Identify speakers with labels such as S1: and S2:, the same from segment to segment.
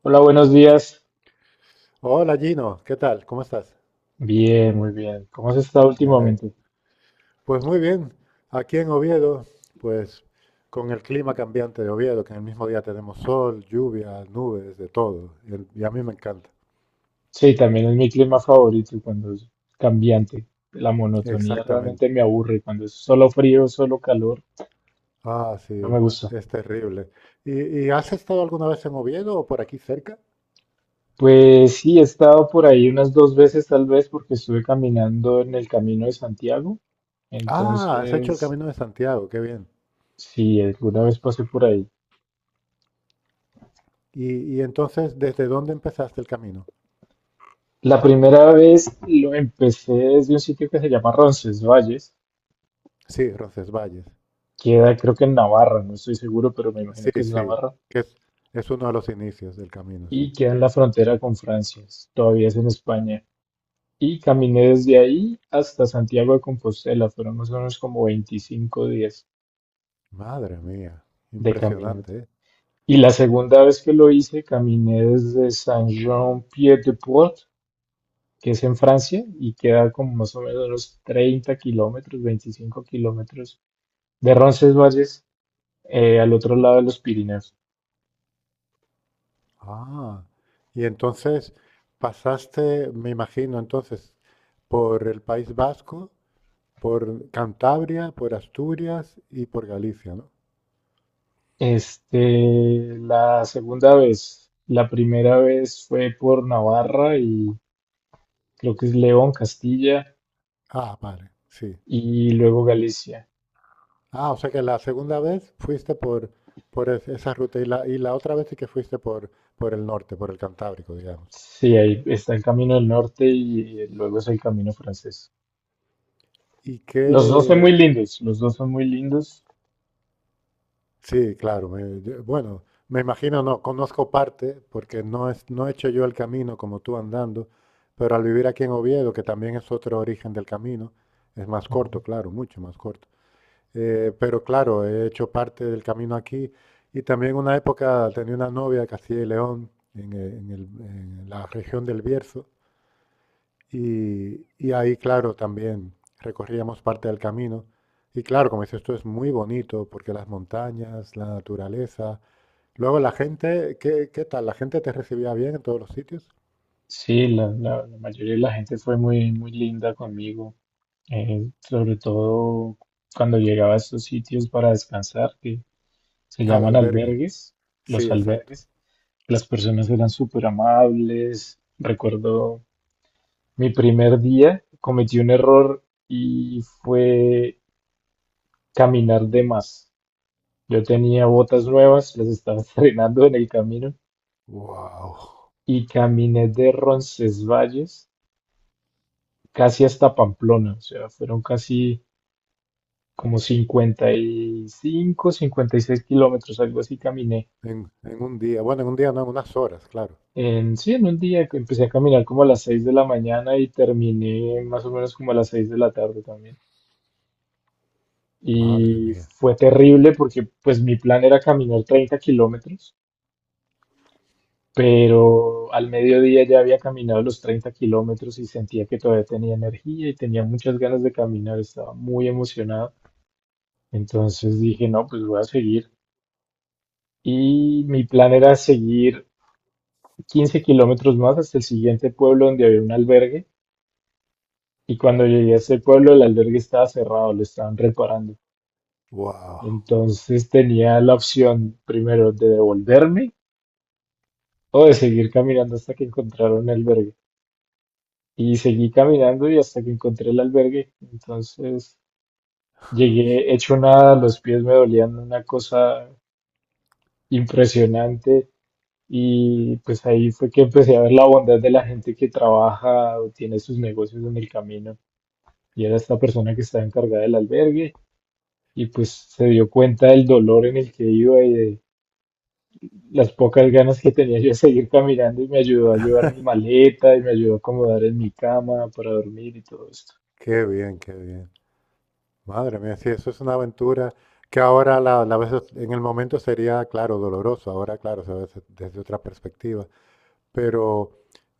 S1: Hola, buenos días.
S2: Hola Gino, ¿qué tal? ¿Cómo estás?
S1: Bien, muy bien. ¿Cómo has estado
S2: Me alegro.
S1: últimamente?
S2: Pues muy bien, aquí en Oviedo, pues con el clima cambiante de Oviedo, que en el mismo día tenemos sol, lluvia, nubes, de todo. Y a mí me encanta.
S1: Sí, también es mi clima favorito cuando es cambiante. La monotonía realmente
S2: Exactamente.
S1: me aburre. Cuando es solo frío, solo calor,
S2: Ah,
S1: no
S2: sí,
S1: me gusta.
S2: es terrible. ¿Y has estado alguna vez en Oviedo o por aquí cerca?
S1: Pues sí, he estado por ahí unas dos veces tal vez porque estuve caminando en el Camino de Santiago.
S2: Ah, has hecho el
S1: Entonces,
S2: Camino de Santiago, qué bien.
S1: sí, alguna vez pasé por ahí.
S2: Y entonces, ¿desde dónde empezaste el camino?
S1: La primera vez lo empecé desde un sitio que se llama Roncesvalles.
S2: Sí, Roncesvalles.
S1: Queda creo que en Navarra, no estoy seguro, pero me imagino
S2: Sí,
S1: que es
S2: sí,
S1: Navarra.
S2: que es uno de los inicios del camino, sí.
S1: Y queda en la frontera con Francia, todavía es en España. Y caminé desde ahí hasta Santiago de Compostela, fueron más o menos como 25 días
S2: Madre mía,
S1: de caminata.
S2: impresionante, ¿eh?
S1: Y la segunda vez que lo hice, caminé desde Saint-Jean-Pied-de-Port, que es en Francia, y queda como más o menos unos 30 kilómetros, 25 kilómetros de Roncesvalles, al otro lado de los Pirineos.
S2: Ah, y entonces pasaste, me imagino, entonces, por el País Vasco, por Cantabria, por Asturias y por Galicia, ¿no?
S1: Este, la segunda vez, la primera vez fue por Navarra y creo que es León, Castilla
S2: Ah, vale, sí.
S1: y luego Galicia.
S2: Ah, o sea que la segunda vez fuiste por esa ruta y y la otra vez sí que fuiste por el norte, por el Cantábrico, digamos.
S1: Sí, ahí está el camino del norte y luego es el camino francés.
S2: ¿Y
S1: Los dos son muy
S2: qué,
S1: lindos, los dos son muy lindos.
S2: sí, claro. Bueno, me imagino, no, conozco parte, porque no, no he hecho yo el camino como tú andando, pero al vivir aquí en Oviedo, que también es otro origen del camino, es más
S1: Ujú.
S2: corto, claro, mucho más corto. Pero claro, he hecho parte del camino aquí y también una época tenía una novia de Castilla y León, en la región del Bierzo, y ahí, claro, también recorríamos parte del camino. Y claro, como dices, esto es muy bonito porque las montañas, la naturaleza, luego la gente, ¿qué tal? ¿La gente te recibía bien en todos los sitios?
S1: Sí, la mayoría de la gente fue muy, muy linda conmigo, sobre todo cuando llegaba a estos sitios para descansar, que se
S2: Al
S1: llaman
S2: albergue.
S1: albergues,
S2: Sí,
S1: los
S2: exacto.
S1: albergues. Las personas eran súper amables. Recuerdo mi primer día cometí un error y fue caminar de más. Yo tenía botas nuevas, las estaba estrenando en el camino
S2: Wow.
S1: y caminé de Roncesvalles casi hasta Pamplona. O sea, fueron casi como 55, 56 kilómetros, algo así caminé.
S2: En un día, bueno, en un día no, en unas horas, claro.
S1: Sí, en un día que empecé a caminar como a las 6 de la mañana y terminé más o menos como a las 6 de la tarde también.
S2: Madre
S1: Y
S2: mía.
S1: fue terrible porque pues mi plan era caminar 30 kilómetros, pero al mediodía ya había caminado los 30 kilómetros y sentía que todavía tenía energía y tenía muchas ganas de caminar, estaba muy emocionado. Entonces dije, no, pues voy a seguir. Y mi plan era seguir 15 kilómetros más hasta el siguiente pueblo donde había un albergue. Y cuando llegué a ese pueblo, el albergue estaba cerrado, lo estaban reparando.
S2: Wow.
S1: Entonces tenía la opción primero de devolverme o de seguir caminando hasta que encontrara un albergue. Y seguí caminando y hasta que encontré el albergue. Entonces llegué hecho nada, los pies me dolían una cosa impresionante y pues ahí fue que empecé a ver la bondad de la gente que trabaja o tiene sus negocios en el camino. Y era esta persona que estaba encargada del albergue y pues se dio cuenta del dolor en el que iba y de las pocas ganas que tenía yo de seguir caminando y me ayudó a llevar mi maleta y me ayudó a acomodar en mi cama para dormir y todo esto.
S2: Qué bien, qué bien. Madre mía, sí, eso es una aventura que ahora la ves en el momento sería, claro, doloroso. Ahora, claro, se ve desde otra perspectiva. Pero,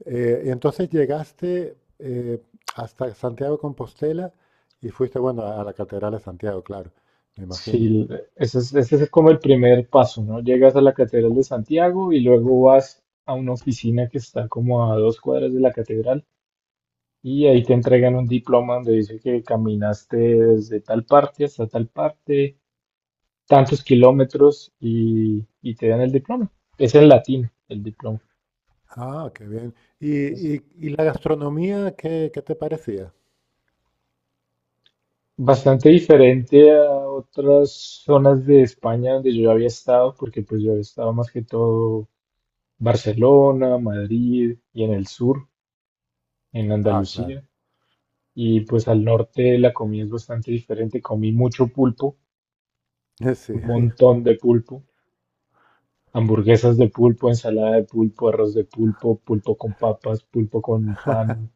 S2: y entonces llegaste, hasta Santiago de Compostela y fuiste, bueno, a la Catedral de Santiago, claro, me imagino.
S1: Sí, ese es como el primer paso, ¿no? Llegas a la Catedral de Santiago y luego vas a una oficina que está como a dos cuadras de la catedral y ahí te entregan un diploma donde dice que caminaste desde tal parte hasta tal parte, tantos kilómetros y te dan el diploma. Es en latín el diploma.
S2: Ah, qué bien. ¿Y la gastronomía, qué te parecía?
S1: Bastante diferente a otras zonas de España donde yo había estado, porque pues yo he estado más que todo Barcelona, Madrid y en el sur, en
S2: Ah, claro.
S1: Andalucía. Y pues al norte la comida es bastante diferente. Comí mucho pulpo, un
S2: Sí,
S1: montón de pulpo, hamburguesas de pulpo, ensalada de pulpo, arroz de pulpo, pulpo con papas, pulpo con pan,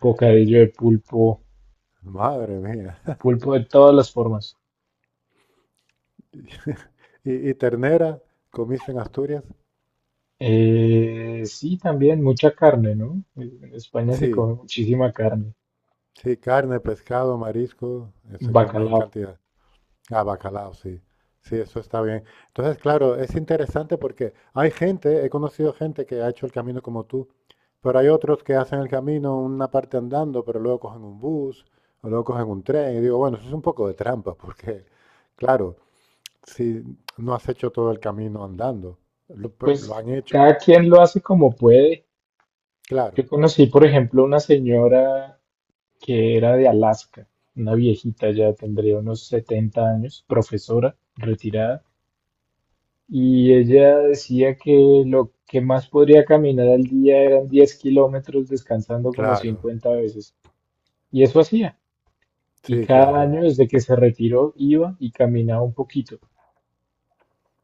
S1: bocadillo de pulpo,
S2: madre mía.
S1: pulpo de todas las formas.
S2: ¿Y ternera comiste en Asturias?
S1: Sí, también mucha carne, ¿no? En España se
S2: Sí,
S1: come muchísima carne,
S2: sí, carne, pescado, marisco, se come en
S1: bacalao.
S2: cantidad. Ah, bacalao, sí. Sí, eso está bien. Entonces, claro, es interesante porque hay gente, he conocido gente que ha hecho el camino como tú, pero hay otros que hacen el camino una parte andando, pero luego cogen un bus o luego cogen un tren. Y digo, bueno, eso es un poco de trampa porque, claro, si no has hecho todo el camino andando, pero lo
S1: Pues
S2: han hecho,
S1: cada quien lo hace como puede.
S2: claro,
S1: Yo conocí, por ejemplo, una señora que era de Alaska, una viejita ya tendría unos 70 años, profesora, retirada, y ella decía que lo que más podría caminar al día eran 10 kilómetros descansando como
S2: claro,
S1: 50 veces. Y eso hacía. Y
S2: sí,
S1: cada
S2: claro.
S1: año desde que se retiró iba y caminaba un poquito.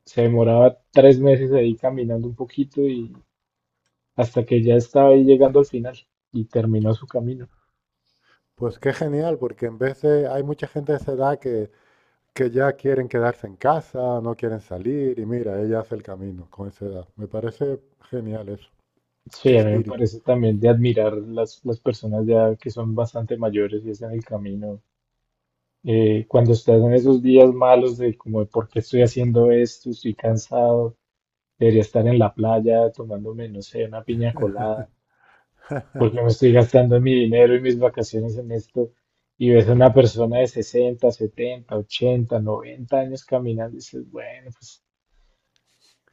S1: Se demoraba 3 meses ahí caminando un poquito y hasta que ya estaba ahí llegando al final y terminó su camino.
S2: Pues qué genial, porque en vez de, hay mucha gente de esa edad que ya quieren quedarse en casa, no quieren salir y mira, ella hace el camino con esa edad. Me parece genial eso.
S1: Sí,
S2: Qué
S1: a mí me
S2: espíritu.
S1: parece también de admirar las personas ya que son bastante mayores y están en el camino. Cuando estás en esos días malos de como de por qué estoy haciendo esto, estoy cansado, debería estar en la playa tomándome, no sé, una piña colada porque me estoy gastando mi dinero y mis vacaciones en esto. Y ves a una persona de 60, 70, 80, 90 años caminando y dices, bueno, pues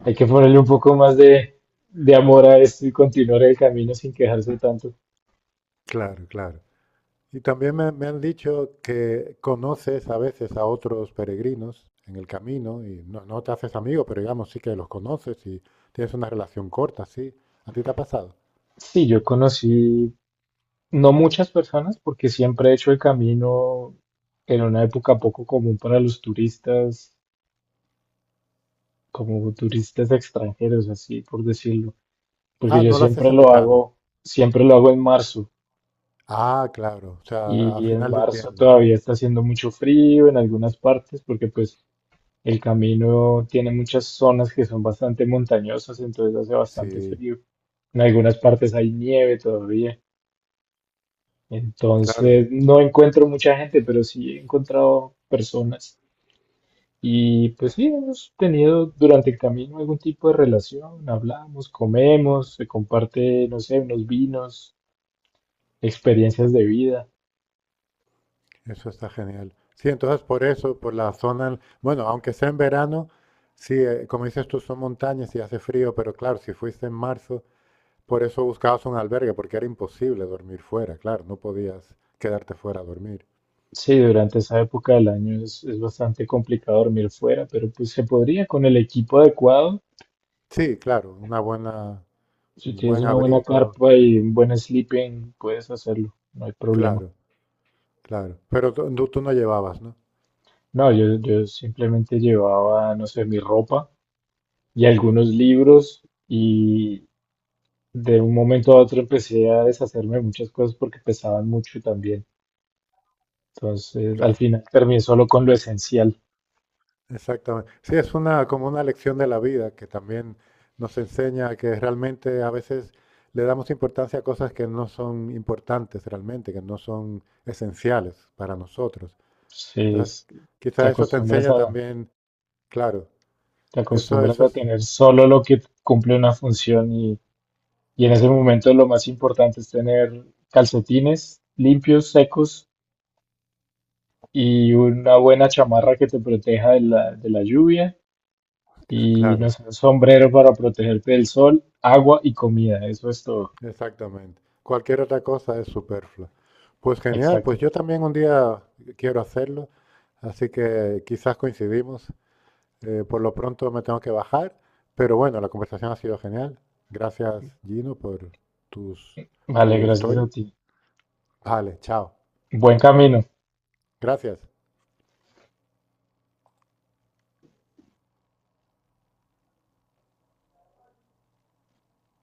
S1: hay que ponerle un poco más de amor a esto y continuar el camino sin quejarse tanto.
S2: Claro, claro. Y también me han dicho que conoces a veces a otros peregrinos en el camino y no, no te haces amigo, pero digamos sí que los conoces y tienes una relación corta, sí. ¿A ti te ha pasado?
S1: Sí, yo conocí no muchas personas porque siempre he hecho el camino en una época poco común para los turistas, como turistas extranjeros, así por decirlo, porque
S2: Ah,
S1: yo
S2: no lo haces en verano.
S1: siempre lo hago en marzo.
S2: Ah, claro, o sea, a
S1: Y en
S2: final de
S1: marzo
S2: invierno.
S1: todavía está haciendo mucho frío en algunas partes porque pues el camino tiene muchas zonas que son bastante montañosas, entonces hace bastante
S2: Sí,
S1: frío. En algunas partes hay nieve todavía.
S2: claro.
S1: Entonces no encuentro mucha gente, pero sí he encontrado personas. Y pues sí, hemos tenido durante el camino algún tipo de relación, hablamos, comemos, se comparte, no sé, unos vinos, experiencias de vida.
S2: Eso está genial. Sí, entonces por eso, por la zona, bueno, aunque sea en verano, sí, como dices tú, son montañas y hace frío, pero claro, si fuiste en marzo, por eso buscabas un albergue, porque era imposible dormir fuera, claro, no podías quedarte fuera a dormir.
S1: Sí, durante esa época del año es bastante complicado dormir fuera, pero pues se podría con el equipo adecuado.
S2: Sí, claro, una buena,
S1: Si
S2: un
S1: tienes
S2: buen
S1: una buena
S2: abrigo,
S1: carpa y un buen sleeping, puedes hacerlo, no hay problema.
S2: claro, claro. Pero tú no llevabas, ¿no?
S1: No, yo simplemente llevaba, no sé, mi ropa y algunos libros y de un momento a otro empecé a deshacerme de muchas cosas porque pesaban mucho también. Entonces, al
S2: Claro.
S1: final terminé solo con lo esencial.
S2: Exactamente. Sí, es una como una lección de la vida que también nos enseña que realmente a veces le damos importancia a cosas que no son importantes realmente, que no son esenciales para nosotros. Entonces,
S1: Entonces, te
S2: quizá eso te
S1: acostumbras
S2: enseña
S1: a
S2: también, claro,
S1: Te
S2: eso,
S1: acostumbras
S2: eso
S1: a
S2: es,
S1: tener solo lo que cumple una función y en ese momento lo más importante es tener calcetines limpios, secos y una buena chamarra que te proteja de la lluvia y no
S2: claro,
S1: sé, un sombrero para protegerte del sol, agua y comida. Eso es todo.
S2: exactamente. Cualquier otra cosa es superflua. Pues genial, pues
S1: Exacto.
S2: yo también un día quiero hacerlo, así que quizás coincidimos. Por lo pronto me tengo que bajar, pero bueno, la conversación ha sido genial. Gracias, Gino, por tus,
S1: Vale,
S2: tu
S1: gracias
S2: historia.
S1: a ti.
S2: Vale, chao.
S1: Buen camino.
S2: Gracias.